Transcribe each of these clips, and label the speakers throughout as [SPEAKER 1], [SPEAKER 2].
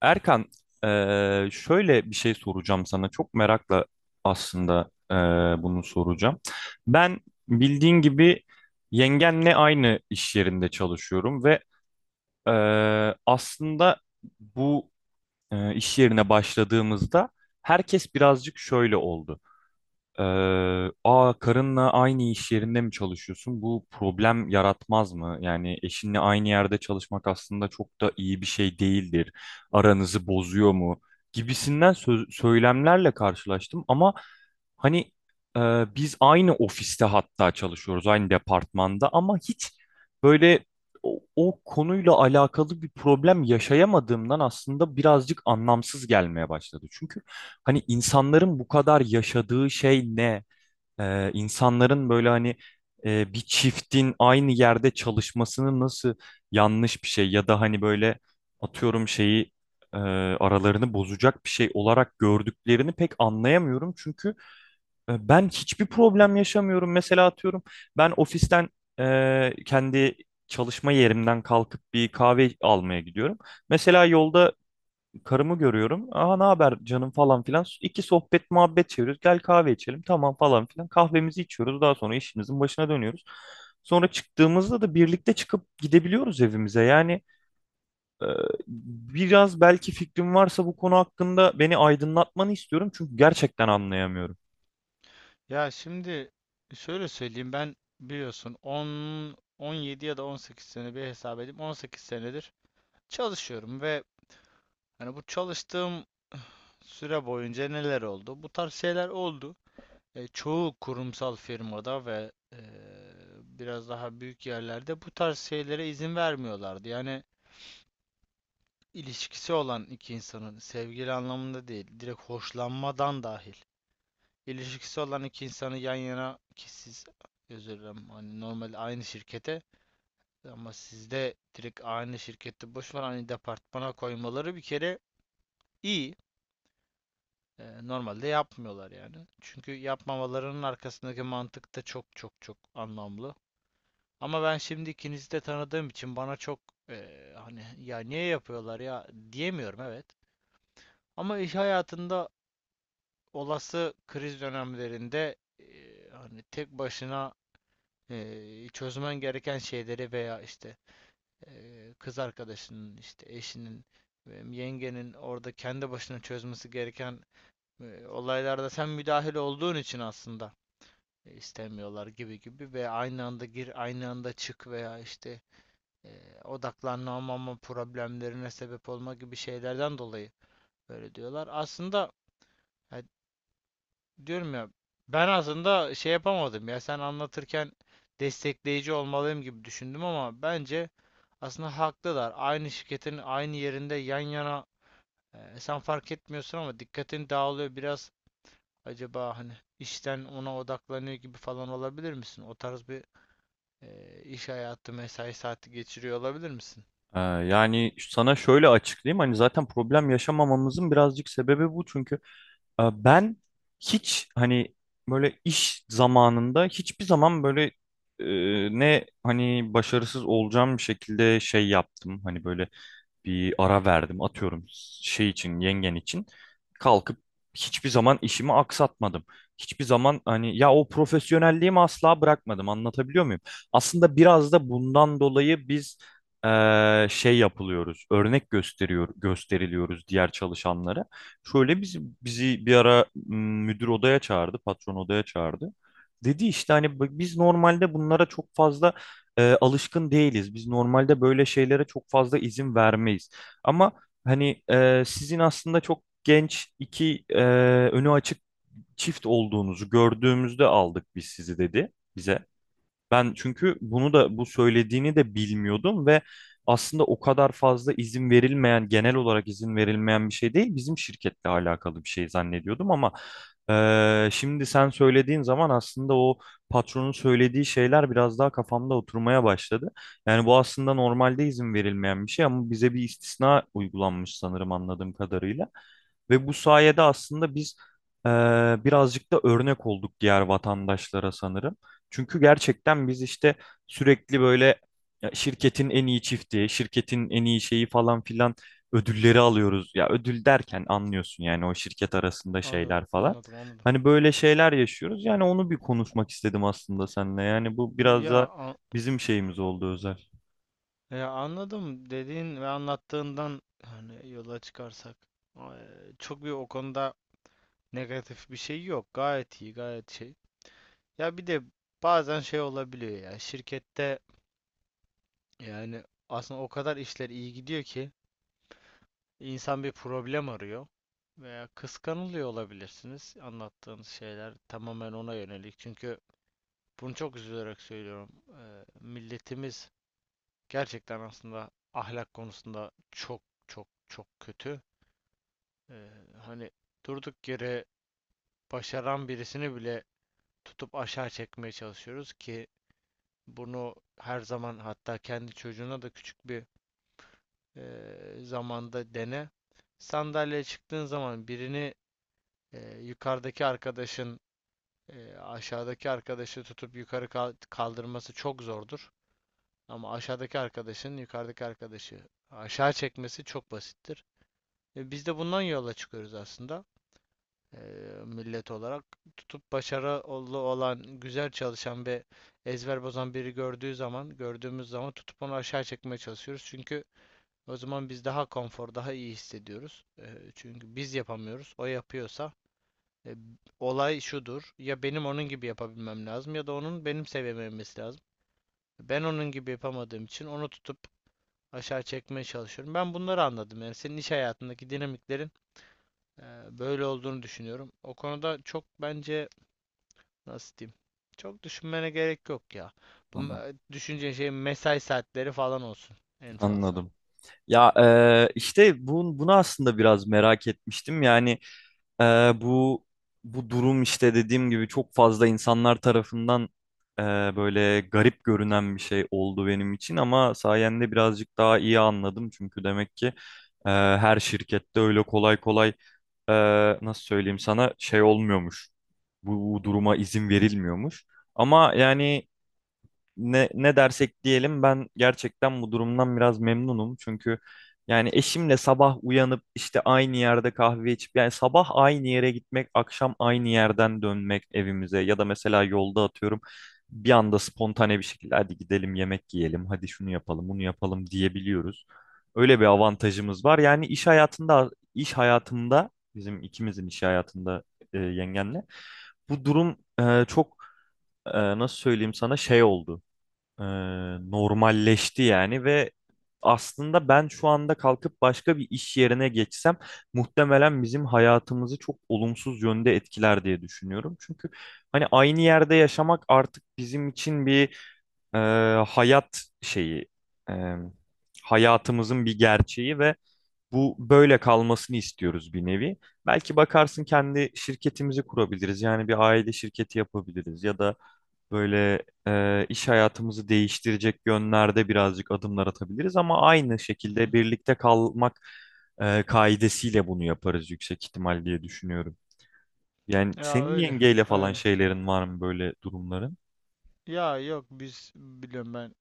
[SPEAKER 1] Erkan, şöyle bir şey soracağım sana. Çok merakla aslında bunu soracağım. Ben bildiğin gibi yengenle aynı iş yerinde çalışıyorum ve aslında bu iş yerine başladığımızda herkes birazcık şöyle oldu. Aa Karınla aynı iş yerinde mi çalışıyorsun? Bu problem yaratmaz mı? Yani eşinle aynı yerde çalışmak aslında çok da iyi bir şey değildir. Aranızı bozuyor mu? Gibisinden söylemlerle karşılaştım ama hani e, biz aynı ofiste hatta çalışıyoruz, aynı departmanda ama hiç böyle o konuyla alakalı bir problem yaşayamadığımdan aslında birazcık anlamsız gelmeye başladı. Çünkü hani insanların bu kadar yaşadığı şey ne? İnsanların böyle hani bir çiftin aynı yerde çalışmasını nasıl yanlış bir şey ya da hani böyle atıyorum şeyi aralarını bozacak bir şey olarak gördüklerini pek anlayamıyorum. Çünkü ben hiçbir problem yaşamıyorum. Mesela atıyorum ben ofisten kendi çalışma yerimden kalkıp bir kahve almaya gidiyorum. Mesela yolda karımı görüyorum. Aha ne haber canım falan filan. İki sohbet muhabbet çeviriyoruz. Gel kahve içelim tamam falan filan. Kahvemizi içiyoruz. Daha sonra işimizin başına dönüyoruz. Sonra çıktığımızda da birlikte çıkıp gidebiliyoruz evimize. Yani e, biraz belki fikrim varsa bu konu hakkında beni aydınlatmanı istiyorum. Çünkü gerçekten anlayamıyorum.
[SPEAKER 2] Ya şimdi şöyle söyleyeyim, ben biliyorsun 10 17 ya da 18 sene bir hesap edeyim, 18 senedir çalışıyorum ve hani bu çalıştığım süre boyunca neler oldu? Bu tarz şeyler oldu. Çoğu kurumsal firmada ve biraz daha büyük yerlerde bu tarz şeylere izin vermiyorlardı. Yani ilişkisi olan iki insanın, sevgili anlamında değil, direkt hoşlanmadan dahil, ilişkisi olan iki insanı yan yana, ki siz, özür dilerim, hani normal aynı şirkete, ama sizde direkt aynı şirkette, boş ver, aynı departmana koymaları bir kere iyi. Normalde yapmıyorlar, yani. Çünkü yapmamalarının arkasındaki mantık da çok çok çok anlamlı. Ama ben şimdi ikinizi de tanıdığım için bana çok hani ya niye yapıyorlar ya diyemiyorum, evet. Ama iş hayatında olası kriz dönemlerinde hani tek başına çözmen gereken şeyleri veya işte kız arkadaşının, işte eşinin, yengenin orada kendi başına çözmesi gereken olaylarda sen müdahil olduğun için aslında istemiyorlar gibi gibi, ve aynı anda gir, aynı anda çık veya işte e, odaklanamama problemlerine sebep olma gibi şeylerden dolayı böyle diyorlar. Aslında, ya diyorum ya, ben aslında şey yapamadım, ya sen anlatırken destekleyici olmalıyım gibi düşündüm, ama bence aslında haklılar. Aynı şirketin aynı yerinde yan yana, sen fark etmiyorsun ama dikkatin dağılıyor biraz. Acaba hani işten ona odaklanıyor gibi falan olabilir misin? O tarz bir iş hayatı, mesai saati geçiriyor olabilir misin?
[SPEAKER 1] Yani sana şöyle açıklayayım hani zaten problem yaşamamamızın birazcık sebebi bu çünkü ben hiç hani böyle iş zamanında hiçbir zaman böyle ne hani başarısız olacağım şekilde şey yaptım hani böyle bir ara verdim atıyorum şey için yengen için kalkıp hiçbir zaman işimi aksatmadım. Hiçbir zaman hani ya o profesyonelliğimi asla bırakmadım anlatabiliyor muyum? Aslında biraz da bundan dolayı biz şey yapılıyoruz örnek gösteriliyoruz diğer çalışanlara. Şöyle bizi bir ara müdür odaya çağırdı patron odaya çağırdı. Dedi işte hani biz normalde bunlara çok fazla alışkın değiliz. Biz normalde böyle şeylere çok fazla izin vermeyiz. Ama hani sizin aslında çok genç iki önü açık çift olduğunuzu gördüğümüzde aldık biz sizi dedi bize. Ben çünkü bunu da bu söylediğini de bilmiyordum ve aslında o kadar fazla izin verilmeyen, genel olarak izin verilmeyen bir şey değil, bizim şirketle alakalı bir şey zannediyordum ama şimdi sen söylediğin zaman aslında o patronun söylediği şeyler biraz daha kafamda oturmaya başladı. Yani bu aslında normalde izin verilmeyen bir şey ama bize bir istisna uygulanmış sanırım anladığım kadarıyla. Ve bu sayede aslında biz birazcık da örnek olduk diğer vatandaşlara sanırım. Çünkü gerçekten biz işte sürekli böyle ya şirketin en iyi çifti, şirketin en iyi şeyi falan filan ödülleri alıyoruz. Ya ödül derken anlıyorsun yani o şirket arasında
[SPEAKER 2] Anladım,
[SPEAKER 1] şeyler falan.
[SPEAKER 2] anladım, anladım.
[SPEAKER 1] Hani böyle şeyler yaşıyoruz. Yani onu bir konuşmak istedim aslında seninle. Yani bu biraz
[SPEAKER 2] Ya,
[SPEAKER 1] da
[SPEAKER 2] an-
[SPEAKER 1] bizim şeyimiz oldu özel.
[SPEAKER 2] ya, anladım dediğin ve anlattığından hani yola çıkarsak e, çok bir o konuda negatif bir şey yok. Gayet iyi, gayet şey. Ya bir de bazen şey olabiliyor ya şirkette, yani aslında o kadar işler iyi gidiyor ki insan bir problem arıyor veya kıskanılıyor olabilirsiniz. Anlattığınız şeyler tamamen ona yönelik. Çünkü bunu çok üzülerek söylüyorum. Milletimiz gerçekten aslında ahlak konusunda çok çok çok kötü. Eee, Hani durduk yere başaran birisini bile tutup aşağı çekmeye çalışıyoruz ki bunu her zaman, hatta kendi çocuğuna da küçük bir zamanda dene. Sandalyeye çıktığın zaman birini, yukarıdaki arkadaşın aşağıdaki arkadaşı tutup yukarı kaldırması çok zordur. Ama aşağıdaki arkadaşın yukarıdaki arkadaşı aşağı çekmesi çok basittir. Biz de bundan yola çıkıyoruz aslında. eee, Millet olarak tutup başarılı olan, güzel çalışan ve ezber bozan biri gördüğü zaman, gördüğümüz zaman tutup onu aşağı çekmeye çalışıyoruz. Çünkü o zaman biz daha konfor, daha iyi hissediyoruz. Çünkü biz yapamıyoruz. O yapıyorsa e, olay şudur. Ya benim onun gibi yapabilmem lazım ya da onun benim seviyeme inmesi lazım. Ben onun gibi yapamadığım için onu tutup aşağı çekmeye çalışıyorum. Ben bunları anladım. Yani senin iş hayatındaki dinamiklerin eee, böyle olduğunu düşünüyorum. O konuda, çok bence, nasıl diyeyim? Çok düşünmene gerek yok ya. Bu
[SPEAKER 1] Anladım.
[SPEAKER 2] me- Şey, mesai saatleri falan olsun en fazla.
[SPEAKER 1] Anladım. Ya işte bunu aslında biraz merak etmiştim. Yani Ee, bu bu durum işte dediğim gibi çok fazla insanlar tarafından e, böyle garip görünen bir şey oldu benim için ama sayende birazcık daha iyi anladım çünkü demek ki her şirkette öyle kolay kolay e, nasıl söyleyeyim sana şey olmuyormuş. Bu duruma izin verilmiyormuş. Ama yani ne dersek diyelim ben gerçekten bu durumdan biraz memnunum. Çünkü yani eşimle sabah uyanıp işte aynı yerde kahve içip yani sabah aynı yere gitmek, akşam aynı yerden dönmek evimize ya da mesela yolda atıyorum bir anda spontane bir şekilde hadi gidelim yemek yiyelim, hadi şunu yapalım, bunu yapalım diyebiliyoruz. Öyle bir avantajımız var. İş hayatımda bizim ikimizin iş hayatında yengenle bu durum çok nasıl söyleyeyim sana şey oldu e, normalleşti yani ve aslında ben şu anda kalkıp başka bir iş yerine geçsem muhtemelen bizim hayatımızı çok olumsuz yönde etkiler diye düşünüyorum. Çünkü hani aynı yerde yaşamak artık bizim için bir e, hayat şeyi, e, hayatımızın bir gerçeği ve bu böyle kalmasını istiyoruz bir nevi. Belki bakarsın kendi şirketimizi kurabiliriz. Yani bir aile şirketi yapabiliriz ya da böyle iş hayatımızı değiştirecek yönlerde birazcık adımlar atabiliriz ama aynı
[SPEAKER 2] Hı hı.
[SPEAKER 1] şekilde birlikte kalmak kaidesiyle bunu yaparız yüksek ihtimal diye düşünüyorum. Yani
[SPEAKER 2] Ya
[SPEAKER 1] senin
[SPEAKER 2] öyle,
[SPEAKER 1] yengeyle falan
[SPEAKER 2] öyle.
[SPEAKER 1] şeylerin var mı böyle durumların?
[SPEAKER 2] Ya yok, biz biliyorum, ben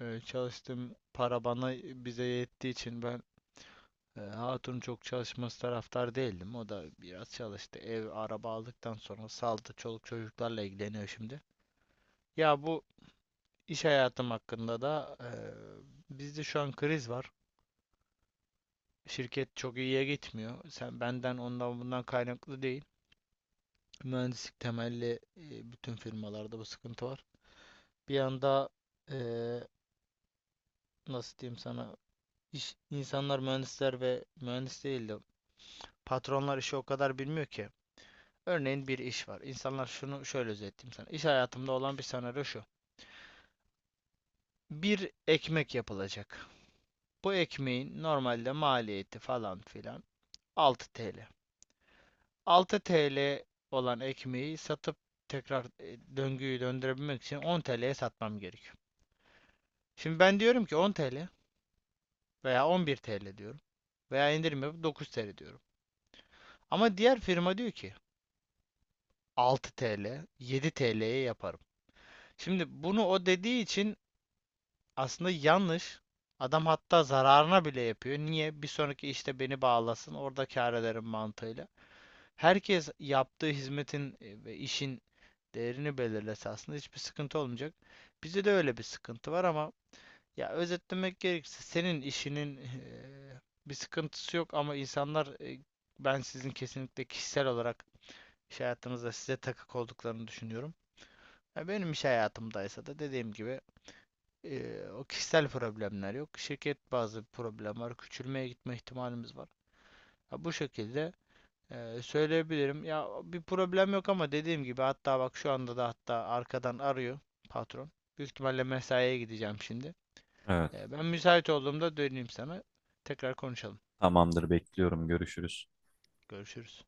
[SPEAKER 2] çalıştım, para bana bize yettiği için ben hatun çok çalışması taraftar değildim. O da biraz çalıştı. Ev araba aldıktan sonra saldı, çoluk çocuklarla ilgileniyor şimdi. Ya bu iş hayatım hakkında da, bizde şu an kriz var. Şirket çok iyiye gitmiyor. Sen benden ondan bundan kaynaklı değil. Mühendislik temelli, bütün firmalarda bu sıkıntı var. Bir yanda e, nasıl diyeyim sana, İş, insanlar, mühendisler ve mühendis değil de patronlar işi o kadar bilmiyor ki. Örneğin bir iş var. İnsanlar şunu, şöyle özetleyeyim sana. İş hayatımda olan bir senaryo şu. Bir ekmek yapılacak. Bu ekmeğin normalde maliyeti falan filan 6 TL. 6 TL olan ekmeği satıp tekrar döngüyü döndürebilmek için 10 TL'ye satmam gerekiyor. Şimdi ben diyorum ki 10 TL veya 11 TL diyorum veya indirim yapıp 9 TL diyorum. Ama diğer firma diyor ki 6 TL, 7 TL'ye yaparım. Şimdi bunu o dediği için aslında yanlış. Adam hatta zararına bile yapıyor. Niye? Bir sonraki işte beni bağlasın, orada kâr ederim mantığıyla. Herkes yaptığı hizmetin ve işin değerini belirlese aslında hiçbir sıkıntı olmayacak. Bizde de öyle bir sıkıntı var ama, ya, özetlemek gerekirse, senin işinin bir sıkıntısı yok, ama insanlar, ben sizin kesinlikle kişisel olarak iş hayatınızda size takık olduklarını düşünüyorum. Ya benim iş hayatımdaysa da dediğim gibi, o kişisel problemler yok. Şirket bazı problem var. Küçülmeye gitme ihtimalimiz var. Ya bu şekilde söyleyebilirim. Ya bir problem yok ama dediğim gibi, hatta bak, şu anda da hatta arkadan arıyor patron. Büyük ihtimalle mesaiye gideceğim şimdi.
[SPEAKER 1] Evet.
[SPEAKER 2] Ben müsait olduğumda döneyim sana. Tekrar konuşalım.
[SPEAKER 1] Tamamdır, bekliyorum. Görüşürüz.
[SPEAKER 2] Görüşürüz.